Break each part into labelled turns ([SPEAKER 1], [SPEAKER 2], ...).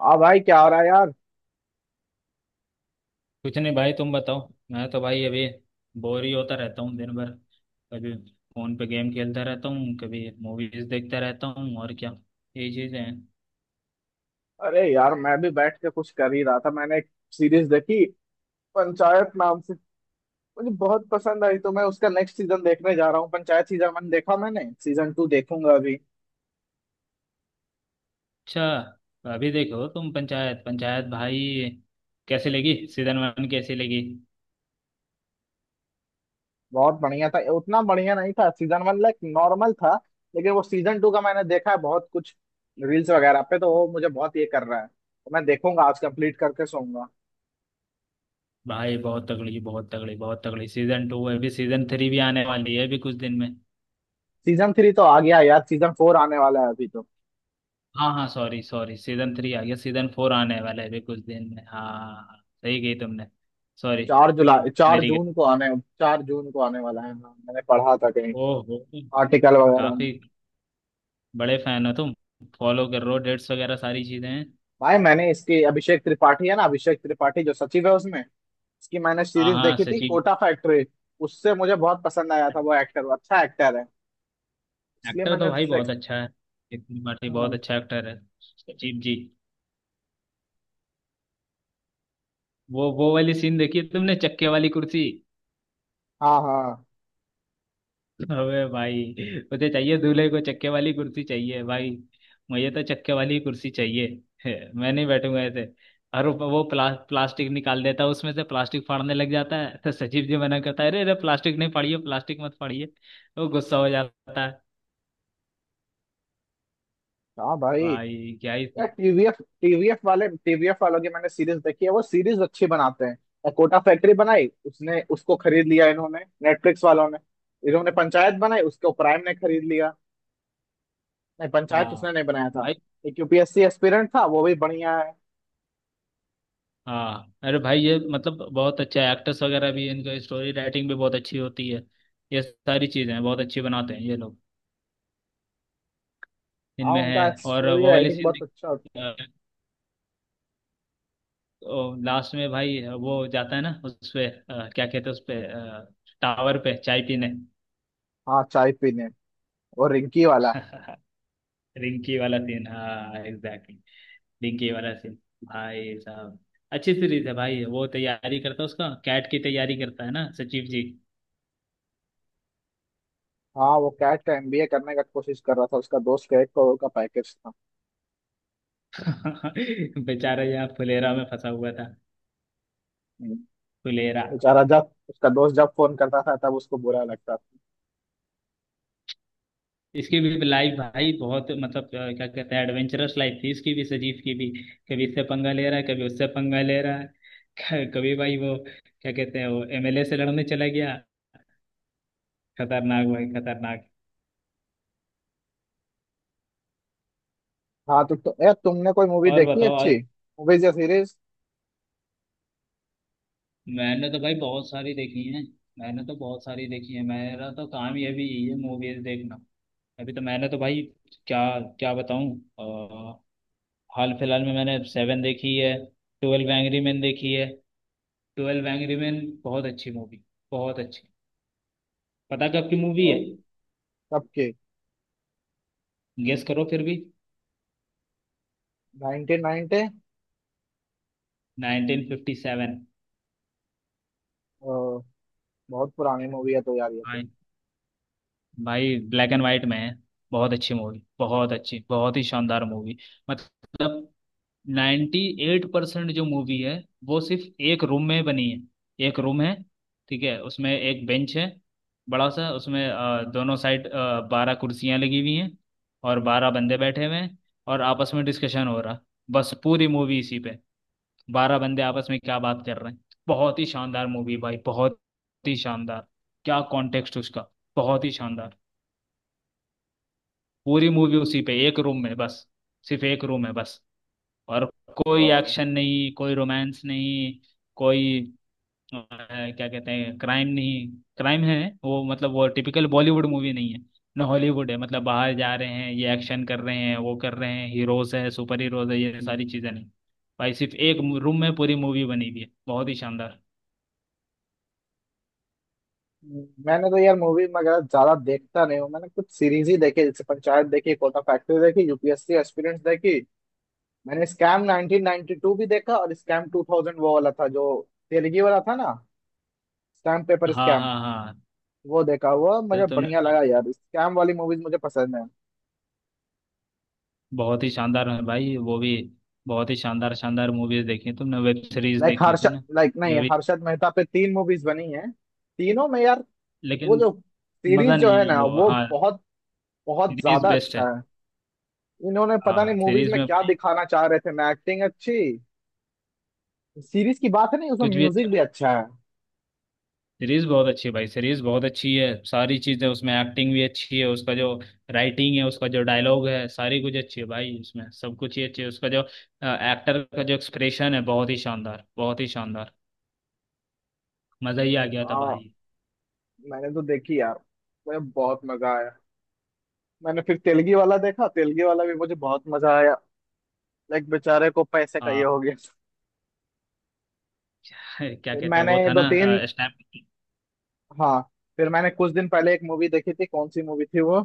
[SPEAKER 1] हाँ भाई, क्या हो रहा है यार।
[SPEAKER 2] कुछ नहीं भाई, तुम बताओ। मैं तो भाई अभी बोर ही होता रहता हूँ दिन भर। कभी फोन पे गेम खेलता रहता हूँ, कभी मूवीज देखता रहता हूँ और क्या, यही चीजें हैं।
[SPEAKER 1] अरे यार, मैं भी बैठ के कुछ कर ही रहा था। मैंने एक सीरीज देखी पंचायत नाम से। मुझे बहुत पसंद आई तो मैं उसका नेक्स्ट सीजन देखने जा रहा हूँ। पंचायत सीजन वन देखा मैंने, सीजन टू देखूंगा अभी।
[SPEAKER 2] अच्छा। अभी देखो तुम, पंचायत पंचायत भाई, कैसी लगी सीजन वन, कैसी लगी?
[SPEAKER 1] बहुत बढ़िया था, उतना बढ़िया नहीं था सीजन वन, लाइक नॉर्मल था। लेकिन वो सीजन टू का मैंने देखा है बहुत कुछ, रील्स वगैरह पे, तो वो मुझे बहुत ये कर रहा है, तो मैं देखूंगा आज कंप्लीट करके सोऊंगा।
[SPEAKER 2] भाई बहुत तगड़ी, बहुत तगड़ी, बहुत तगड़ी सीजन टू है। अभी सीजन थ्री भी आने वाली है अभी कुछ दिन में।
[SPEAKER 1] सीजन थ्री तो आ गया है यार, सीजन फोर आने वाला है अभी तो।
[SPEAKER 2] हाँ हाँ, सॉरी सॉरी, सीजन थ्री आ गया, सीजन फोर आने वाला है अभी कुछ दिन में। हाँ, सही कही तुमने। सॉरी,
[SPEAKER 1] चार जुलाई चार
[SPEAKER 2] मेरी गलती।
[SPEAKER 1] जून को आने 4 जून को आने वाला है, हाँ। मैंने पढ़ा था कहीं
[SPEAKER 2] ओहो।
[SPEAKER 1] आर्टिकल वगैरह में।
[SPEAKER 2] काफी बड़े फैन हो तुम, फॉलो कर रहे हो डेट्स वगैरह, सारी चीजें हैं।
[SPEAKER 1] भाई, मैंने इसकी अभिषेक त्रिपाठी है ना, अभिषेक त्रिपाठी जो सचिव है उसमें, इसकी मैंने
[SPEAKER 2] हाँ
[SPEAKER 1] सीरीज
[SPEAKER 2] हाँ,
[SPEAKER 1] देखी थी
[SPEAKER 2] सचिन।
[SPEAKER 1] कोटा फैक्ट्री। उससे मुझे बहुत पसंद आया था वो एक्टर, वो अच्छा एक्टर है। इसलिए
[SPEAKER 2] एक्टर
[SPEAKER 1] मैंने
[SPEAKER 2] तो भाई
[SPEAKER 1] उससे-
[SPEAKER 2] बहुत अच्छा है। नितिन पाठी बहुत
[SPEAKER 1] हाँ,
[SPEAKER 2] अच्छा एक्टर है। सचिन जी। वो वाली सीन देखी है तुमने, चक्के वाली कुर्सी?
[SPEAKER 1] हाँ, हाँ,
[SPEAKER 2] अबे भाई, मुझे चाहिए, दूल्हे को चक्के वाली कुर्सी चाहिए भाई। मुझे तो चक्के वाली कुर्सी चाहिए। मैं नहीं बैठूंगा ऐसे। और वो प्लास्टिक निकाल देता है, उसमें से प्लास्टिक फाड़ने लग जाता है, तो सचिव जी मना करता है, अरे अरे, प्लास्टिक नहीं फाड़िए, प्लास्टिक मत फाड़िए। वो गुस्सा हो जाता है।
[SPEAKER 1] हाँ भाई।
[SPEAKER 2] भाई क्या ही
[SPEAKER 1] यार,
[SPEAKER 2] थी।
[SPEAKER 1] टीवीएफ टीवीएफ वाले टीवीएफ वालों की मैंने सीरीज देखी है। वो सीरीज अच्छी बनाते हैं यार, कोटा फैक्ट्री बनाई उसने, उसको खरीद लिया इन्होंने, नेटफ्लिक्स वालों ने। इन्होंने पंचायत बनाई, उसको प्राइम ने खरीद लिया। नहीं,
[SPEAKER 2] हाँ
[SPEAKER 1] पंचायत उसने नहीं बनाया था।
[SPEAKER 2] भाई।
[SPEAKER 1] एक यूपीएससी एस्पिरेंट था, वो भी बढ़िया है।
[SPEAKER 2] हाँ, अरे भाई, ये मतलब बहुत अच्छा है, एक्टर्स वगैरह भी, इनका स्टोरी राइटिंग भी बहुत अच्छी होती है। ये सारी चीज़ें हैं, बहुत अच्छी बनाते हैं ये लोग।
[SPEAKER 1] हाँ,
[SPEAKER 2] इनमें है
[SPEAKER 1] उनका
[SPEAKER 2] और
[SPEAKER 1] स्टोरी
[SPEAKER 2] वो वाली
[SPEAKER 1] राइटिंग
[SPEAKER 2] सीन
[SPEAKER 1] बहुत
[SPEAKER 2] भी।
[SPEAKER 1] अच्छा होता-
[SPEAKER 2] लास्ट में भाई वो जाता है ना उस पे, क्या कहते हैं, उस पे टावर पे चाय पीने।
[SPEAKER 1] हाँ, चाय पीने और रिंकी वाला।
[SPEAKER 2] रिंकी वाला सीन, हाँ, एग्जैक्टली, रिंकी वाला सीन। भाई साहब, अच्छी सीरीज है भाई। वो तैयारी करता है, उसका कैट की तैयारी करता है ना सचिव जी।
[SPEAKER 1] हाँ, वो कैट का एमबीए करने का कोशिश कर रहा था, उसका दोस्त का 1 करोड़ का पैकेज था।
[SPEAKER 2] बेचारा यहाँ फुलेरा में फंसा हुआ था।
[SPEAKER 1] हम्म,
[SPEAKER 2] फुलेरा।
[SPEAKER 1] बेचारा, जब उसका दोस्त जब फोन करता था तब उसको बुरा लगता था।
[SPEAKER 2] इसकी भी लाइफ भाई बहुत मतलब क्या कहते हैं, एडवेंचरस लाइफ थी इसकी भी, सजीव की भी। कभी इससे पंगा ले रहा है, कभी उससे पंगा ले रहा है। कभी भाई वो क्या कहते हैं, वो एमएलए से लड़ने चला गया। खतरनाक भाई, खतरनाक।
[SPEAKER 1] हाँ, तो यार, तुमने कोई मूवी
[SPEAKER 2] और
[SPEAKER 1] देखी है
[SPEAKER 2] बताओ आज।
[SPEAKER 1] अच्छी? मूवीज या सीरीज?
[SPEAKER 2] मैंने तो भाई बहुत सारी देखी है। मैंने तो बहुत सारी देखी है, मेरा तो काम ही अभी यही है, मूवीज देखना। अभी तो मैंने तो भाई, क्या, क्या बताऊं। हाल फिलहाल में मैंने सेवन देखी है, ट्वेल्व एंग्री मैन देखी है। ट्वेल्व एंग्री मैन बहुत अच्छी मूवी, बहुत अच्छी। पता कब की मूवी है?
[SPEAKER 1] कब की?
[SPEAKER 2] गेस करो फिर भी।
[SPEAKER 1] 1990।
[SPEAKER 2] 1957।
[SPEAKER 1] बहुत पुरानी मूवी है तो यार ये।
[SPEAKER 2] भाई भाई, ब्लैक एंड वाइट में है। बहुत अच्छी मूवी, बहुत अच्छी, बहुत ही शानदार मूवी। मतलब नाइन्टी एट परसेंट जो मूवी है वो सिर्फ एक रूम में बनी है। एक रूम है, ठीक है, उसमें एक बेंच है, बड़ा सा, उसमें दोनों साइड बारह कुर्सियां लगी हुई हैं, और बारह बंदे बैठे हुए हैं, और आपस में डिस्कशन हो रहा। बस पूरी मूवी इसी पे, बारह बंदे आपस में क्या बात कर रहे हैं। बहुत ही शानदार मूवी भाई, बहुत ही शानदार। क्या कॉन्टेक्स्ट उसका। बहुत ही शानदार। पूरी मूवी उसी पे, एक रूम में बस, सिर्फ एक रूम है बस। और कोई
[SPEAKER 1] तो
[SPEAKER 2] एक्शन नहीं, कोई रोमांस नहीं, कोई अ, क्या कहते हैं, क्राइम नहीं, क्राइम है, वो मतलब वो टिपिकल बॉलीवुड मूवी नहीं है, ना हॉलीवुड है, मतलब बाहर जा रहे हैं ये, एक्शन कर रहे हैं वो, कर रहे हैं हीरोज है, सुपर हीरोज है, ये सारी चीजें नहीं। भाई सिर्फ एक रूम में पूरी मूवी बनी हुई है, बहुत ही शानदार।
[SPEAKER 1] मैंने तो यार मूवी वगैरह ज्यादा देखता नहीं हूँ। मैंने कुछ सीरीज ही देखी, जैसे पंचायत देखी, कोटा फैक्ट्री देखी, यूपीएससी एस्पिरेंट्स देखी। मैंने स्कैम 1992 भी देखा और स्कैम 2000, वो वाला था जो तेलगी वाला था ना, स्टैम्प पेपर
[SPEAKER 2] हाँ
[SPEAKER 1] स्कैम।
[SPEAKER 2] हाँ हाँ।
[SPEAKER 1] वो देखा हुआ,
[SPEAKER 2] तो
[SPEAKER 1] मुझे
[SPEAKER 2] तुमने
[SPEAKER 1] बढ़िया लगा यार, स्कैम वाली मूवीज मुझे पसंद है।
[SPEAKER 2] बहुत ही शानदार है भाई वो भी, बहुत ही शानदार शानदार मूवीज देखी हैं तुमने, वेब सीरीज
[SPEAKER 1] लाइक
[SPEAKER 2] देखी है
[SPEAKER 1] हर्ष
[SPEAKER 2] तुमने
[SPEAKER 1] लाइक नहीं,
[SPEAKER 2] जो भी।
[SPEAKER 1] हर्षद मेहता पे तीन मूवीज बनी है। तीनों में यार वो
[SPEAKER 2] लेकिन
[SPEAKER 1] जो सीरीज
[SPEAKER 2] मजा
[SPEAKER 1] जो
[SPEAKER 2] नहीं
[SPEAKER 1] है
[SPEAKER 2] है
[SPEAKER 1] ना
[SPEAKER 2] वो,
[SPEAKER 1] वो
[SPEAKER 2] हाँ,
[SPEAKER 1] बहुत बहुत
[SPEAKER 2] सीरीज
[SPEAKER 1] ज्यादा
[SPEAKER 2] बेस्ट है।
[SPEAKER 1] अच्छा है। इन्होंने पता नहीं
[SPEAKER 2] हाँ,
[SPEAKER 1] मूवीज
[SPEAKER 2] सीरीज
[SPEAKER 1] में
[SPEAKER 2] में
[SPEAKER 1] क्या
[SPEAKER 2] भाई
[SPEAKER 1] दिखाना चाह रहे थे ना, एक्टिंग अच्छी। सीरीज की बात है नहीं, उसमें
[SPEAKER 2] कुछ भी
[SPEAKER 1] म्यूजिक
[SPEAKER 2] अच्छा।
[SPEAKER 1] भी अच्छा है।
[SPEAKER 2] सीरीज बहुत अच्छी है भाई, सीरीज बहुत अच्छी है, सारी चीजें उसमें, एक्टिंग भी अच्छी है, उसका जो राइटिंग है, उसका जो डायलॉग है, सारी कुछ अच्छी है भाई, उसमें सब कुछ ही अच्छी है, उसका जो एक्टर का जो एक्सप्रेशन है, बहुत ही शानदार, बहुत ही शानदार। मजा ही आ गया था
[SPEAKER 1] हाँ,
[SPEAKER 2] भाई।
[SPEAKER 1] मैंने तो देखी यार, मुझे बहुत मजा आया। मैंने फिर तेलगी वाला देखा, तेलगी वाला भी मुझे बहुत मजा आया। लाइक बेचारे को पैसे का ये
[SPEAKER 2] हाँ।
[SPEAKER 1] हो गया।
[SPEAKER 2] क्या
[SPEAKER 1] फिर
[SPEAKER 2] कहते हैं
[SPEAKER 1] मैंने
[SPEAKER 2] वो था
[SPEAKER 1] दो
[SPEAKER 2] ना,
[SPEAKER 1] तीन।
[SPEAKER 2] स्नैप।
[SPEAKER 1] हाँ, फिर मैंने कुछ दिन पहले एक मूवी देखी थी, कौन सी मूवी थी वो,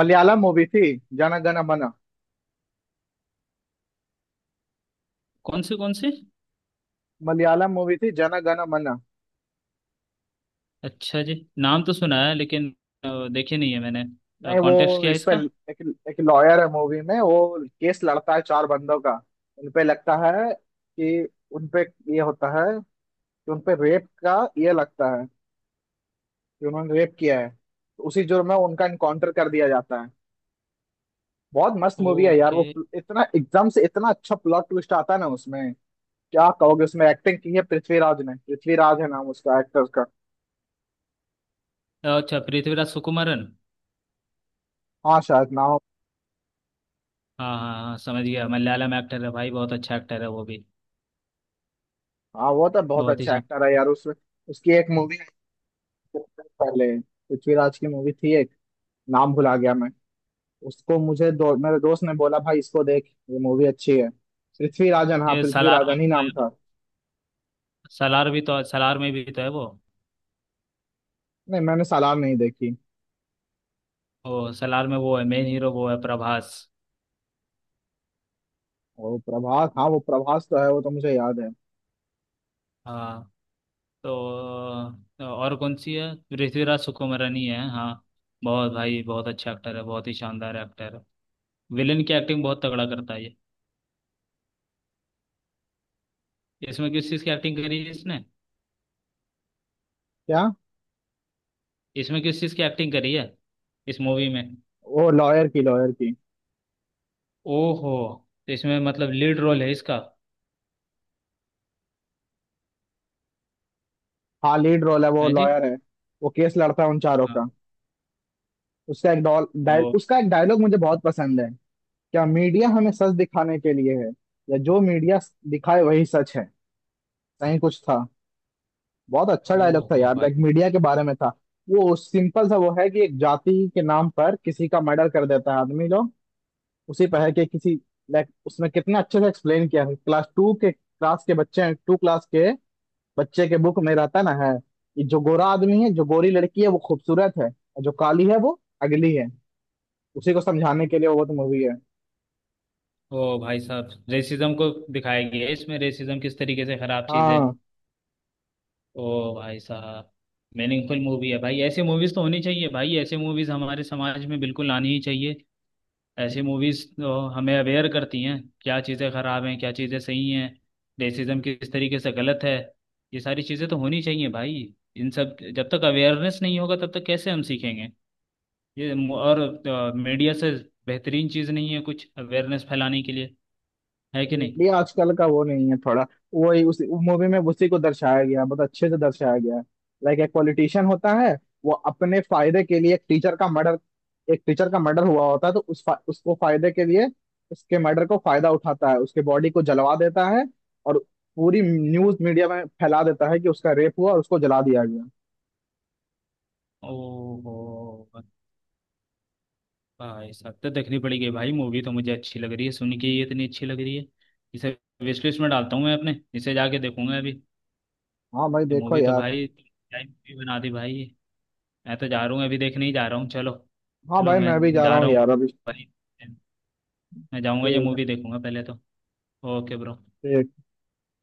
[SPEAKER 1] मलयालम मूवी थी जन गण मन।
[SPEAKER 2] कौन से, कौन से?
[SPEAKER 1] मलयालम मूवी थी जन गण मन।
[SPEAKER 2] अच्छा जी, नाम तो सुना है, लेकिन देखे नहीं है मैंने।
[SPEAKER 1] नहीं,
[SPEAKER 2] कॉन्टेक्स्ट
[SPEAKER 1] वो
[SPEAKER 2] क्या है
[SPEAKER 1] इस पे
[SPEAKER 2] इसका?
[SPEAKER 1] एक लॉयर है मूवी में, वो केस लड़ता है चार बंदों का। उनपे लगता है कि उनपे ये होता है कि उनपे रेप का ये लगता है, कि उन्होंने रेप किया है। तो उसी जुर्म में उनका इनकाउंटर कर दिया जाता है। बहुत मस्त मूवी है यार, वो
[SPEAKER 2] ओके।
[SPEAKER 1] प्ल- इतना एकदम से इतना अच्छा प्लॉट ट्विस्ट आता है ना उसमें। क्या कहोगे, उसमें एक्टिंग की है पृथ्वीराज ने, पृथ्वीराज है नाम उसका एक्टर का।
[SPEAKER 2] अच्छा, पृथ्वीराज सुकुमारन।
[SPEAKER 1] हाँ, शायद नाम।
[SPEAKER 2] हाँ हाँ हाँ, समझ गया, मलयालम एक्टर है भाई, बहुत अच्छा एक्टर है वो भी।
[SPEAKER 1] हाँ, वो तो बहुत
[SPEAKER 2] बहुत ही
[SPEAKER 1] अच्छा
[SPEAKER 2] शान।
[SPEAKER 1] एक्टर है यार उसमें। उसकी एक मूवी, पहले पृथ्वीराज की मूवी थी एक, नाम भुला गया मैं। उसको मेरे दोस्त ने बोला, भाई इसको देख, ये मूवी अच्छी है। पृथ्वीराजन, हाँ
[SPEAKER 2] ये सलार में
[SPEAKER 1] पृथ्वीराजन
[SPEAKER 2] भी
[SPEAKER 1] ही
[SPEAKER 2] तो है,
[SPEAKER 1] नाम था।
[SPEAKER 2] सलार भी तो, सलार में भी तो है वो।
[SPEAKER 1] नहीं, मैंने सालार नहीं देखी।
[SPEAKER 2] वो सलार में वो है मेन हीरो, वो है प्रभास।
[SPEAKER 1] वो प्रभास, हाँ वो प्रभास तो है, वो तो मुझे याद है।
[SPEAKER 2] हाँ, तो तो और कौन सी है, पृथ्वीराज सुकुमारनी है, हाँ। बहुत भाई, बहुत अच्छा एक्टर है, बहुत ही शानदार एक्टर है, विलन की एक्टिंग बहुत तगड़ा करता है ये। इसमें किस चीज़ की एक्टिंग करी है इसने?
[SPEAKER 1] क्या?
[SPEAKER 2] इसमें किस चीज़ की एक्टिंग करी है, इस मूवी में?
[SPEAKER 1] वो लॉयर की, लॉयर की।
[SPEAKER 2] ओहो। तो इसमें मतलब लीड रोल है इसका?
[SPEAKER 1] हाँ, लीड रोल है, वो
[SPEAKER 2] है जी।
[SPEAKER 1] लॉयर है। वो केस लड़ता है उन चारों
[SPEAKER 2] हाँ।
[SPEAKER 1] का। उसका एक डॉल डायल उसका एक डायलॉग मुझे बहुत पसंद है। क्या मीडिया हमें सच दिखाने के लिए है, या जो मीडिया दिखाए वही सच है? सही कुछ था, बहुत अच्छा डायलॉग था
[SPEAKER 2] ओहो
[SPEAKER 1] यार,
[SPEAKER 2] भाई।
[SPEAKER 1] लाइक मीडिया के बारे में था। वो सिंपल सा वो है कि एक जाति के नाम पर किसी का मर्डर कर देता है आदमी लोग, उसी पर है कि किसी, लाइक उसमें कितना अच्छे से एक्सप्लेन किया है। क्लास टू के क्लास के बच्चे हैं, टू क्लास के बच्चे के बुक में रहता ना है, ये जो गोरा आदमी है, जो गोरी लड़की है वो खूबसूरत है और जो काली है वो अगली है। उसी को समझाने के लिए वो तो मूवी है।
[SPEAKER 2] ओ भाई साहब, रेसिज्म को दिखाया गया है इसमें, रेसिज्म किस तरीके से खराब चीज है।
[SPEAKER 1] हाँ,
[SPEAKER 2] ओ भाई साहब। मीनिंगफुल मूवी है भाई, ऐसे मूवीज तो होनी चाहिए भाई, ऐसे मूवीज हमारे समाज में बिल्कुल आनी ही चाहिए। ऐसे मूवीज तो हमें अवेयर करती हैं, क्या चीजें खराब हैं, क्या चीजें सही हैं, रेसिज्म किस तरीके से गलत है। ये सारी चीजें तो होनी चाहिए भाई, इन सब जब तक अवेयरनेस नहीं होगा तब तक कैसे हम सीखेंगे। और मीडिया से बेहतरीन चीज नहीं है कुछ अवेयरनेस फैलाने के लिए, है कि नहीं?
[SPEAKER 1] ये आजकल का वो नहीं है थोड़ा, वही उस मूवी में उसी को दर्शाया गया, बहुत अच्छे से दर्शाया गया है। लाइक एक पॉलिटिशियन होता है, वो अपने फायदे के लिए एक टीचर का मर्डर हुआ होता है तो उसको फायदे के लिए उसके मर्डर को फायदा उठाता है, उसके बॉडी को जलवा देता है। और पूरी न्यूज मीडिया में फैला देता है कि उसका रेप हुआ और उसको जला दिया गया।
[SPEAKER 2] ओहो भाई साहब, तो देखनी पड़ेगी भाई मूवी तो, मुझे अच्छी लग रही है सुन के ही, इतनी अच्छी लग रही है, इसे विश लिस्ट में डालता हूँ मैं अपने, इसे जाके देखूंगा अभी।
[SPEAKER 1] हाँ भाई,
[SPEAKER 2] ये
[SPEAKER 1] देखो
[SPEAKER 2] मूवी तो
[SPEAKER 1] यार।
[SPEAKER 2] भाई, क्या मूवी बना दी भाई ये। मैं तो जा रहा हूँ, अभी देखने ही जा रहा हूँ। चलो,
[SPEAKER 1] हाँ
[SPEAKER 2] चलो
[SPEAKER 1] भाई,
[SPEAKER 2] मैं
[SPEAKER 1] मैं भी जा रहा
[SPEAKER 2] जा
[SPEAKER 1] हूँ
[SPEAKER 2] रहा हूँ
[SPEAKER 1] यार अभी।
[SPEAKER 2] भाई, मैं जाऊँगा ये
[SPEAKER 1] ठीक है,
[SPEAKER 2] मूवी देखूंगा पहले तो। Okay bro.
[SPEAKER 1] ठीक।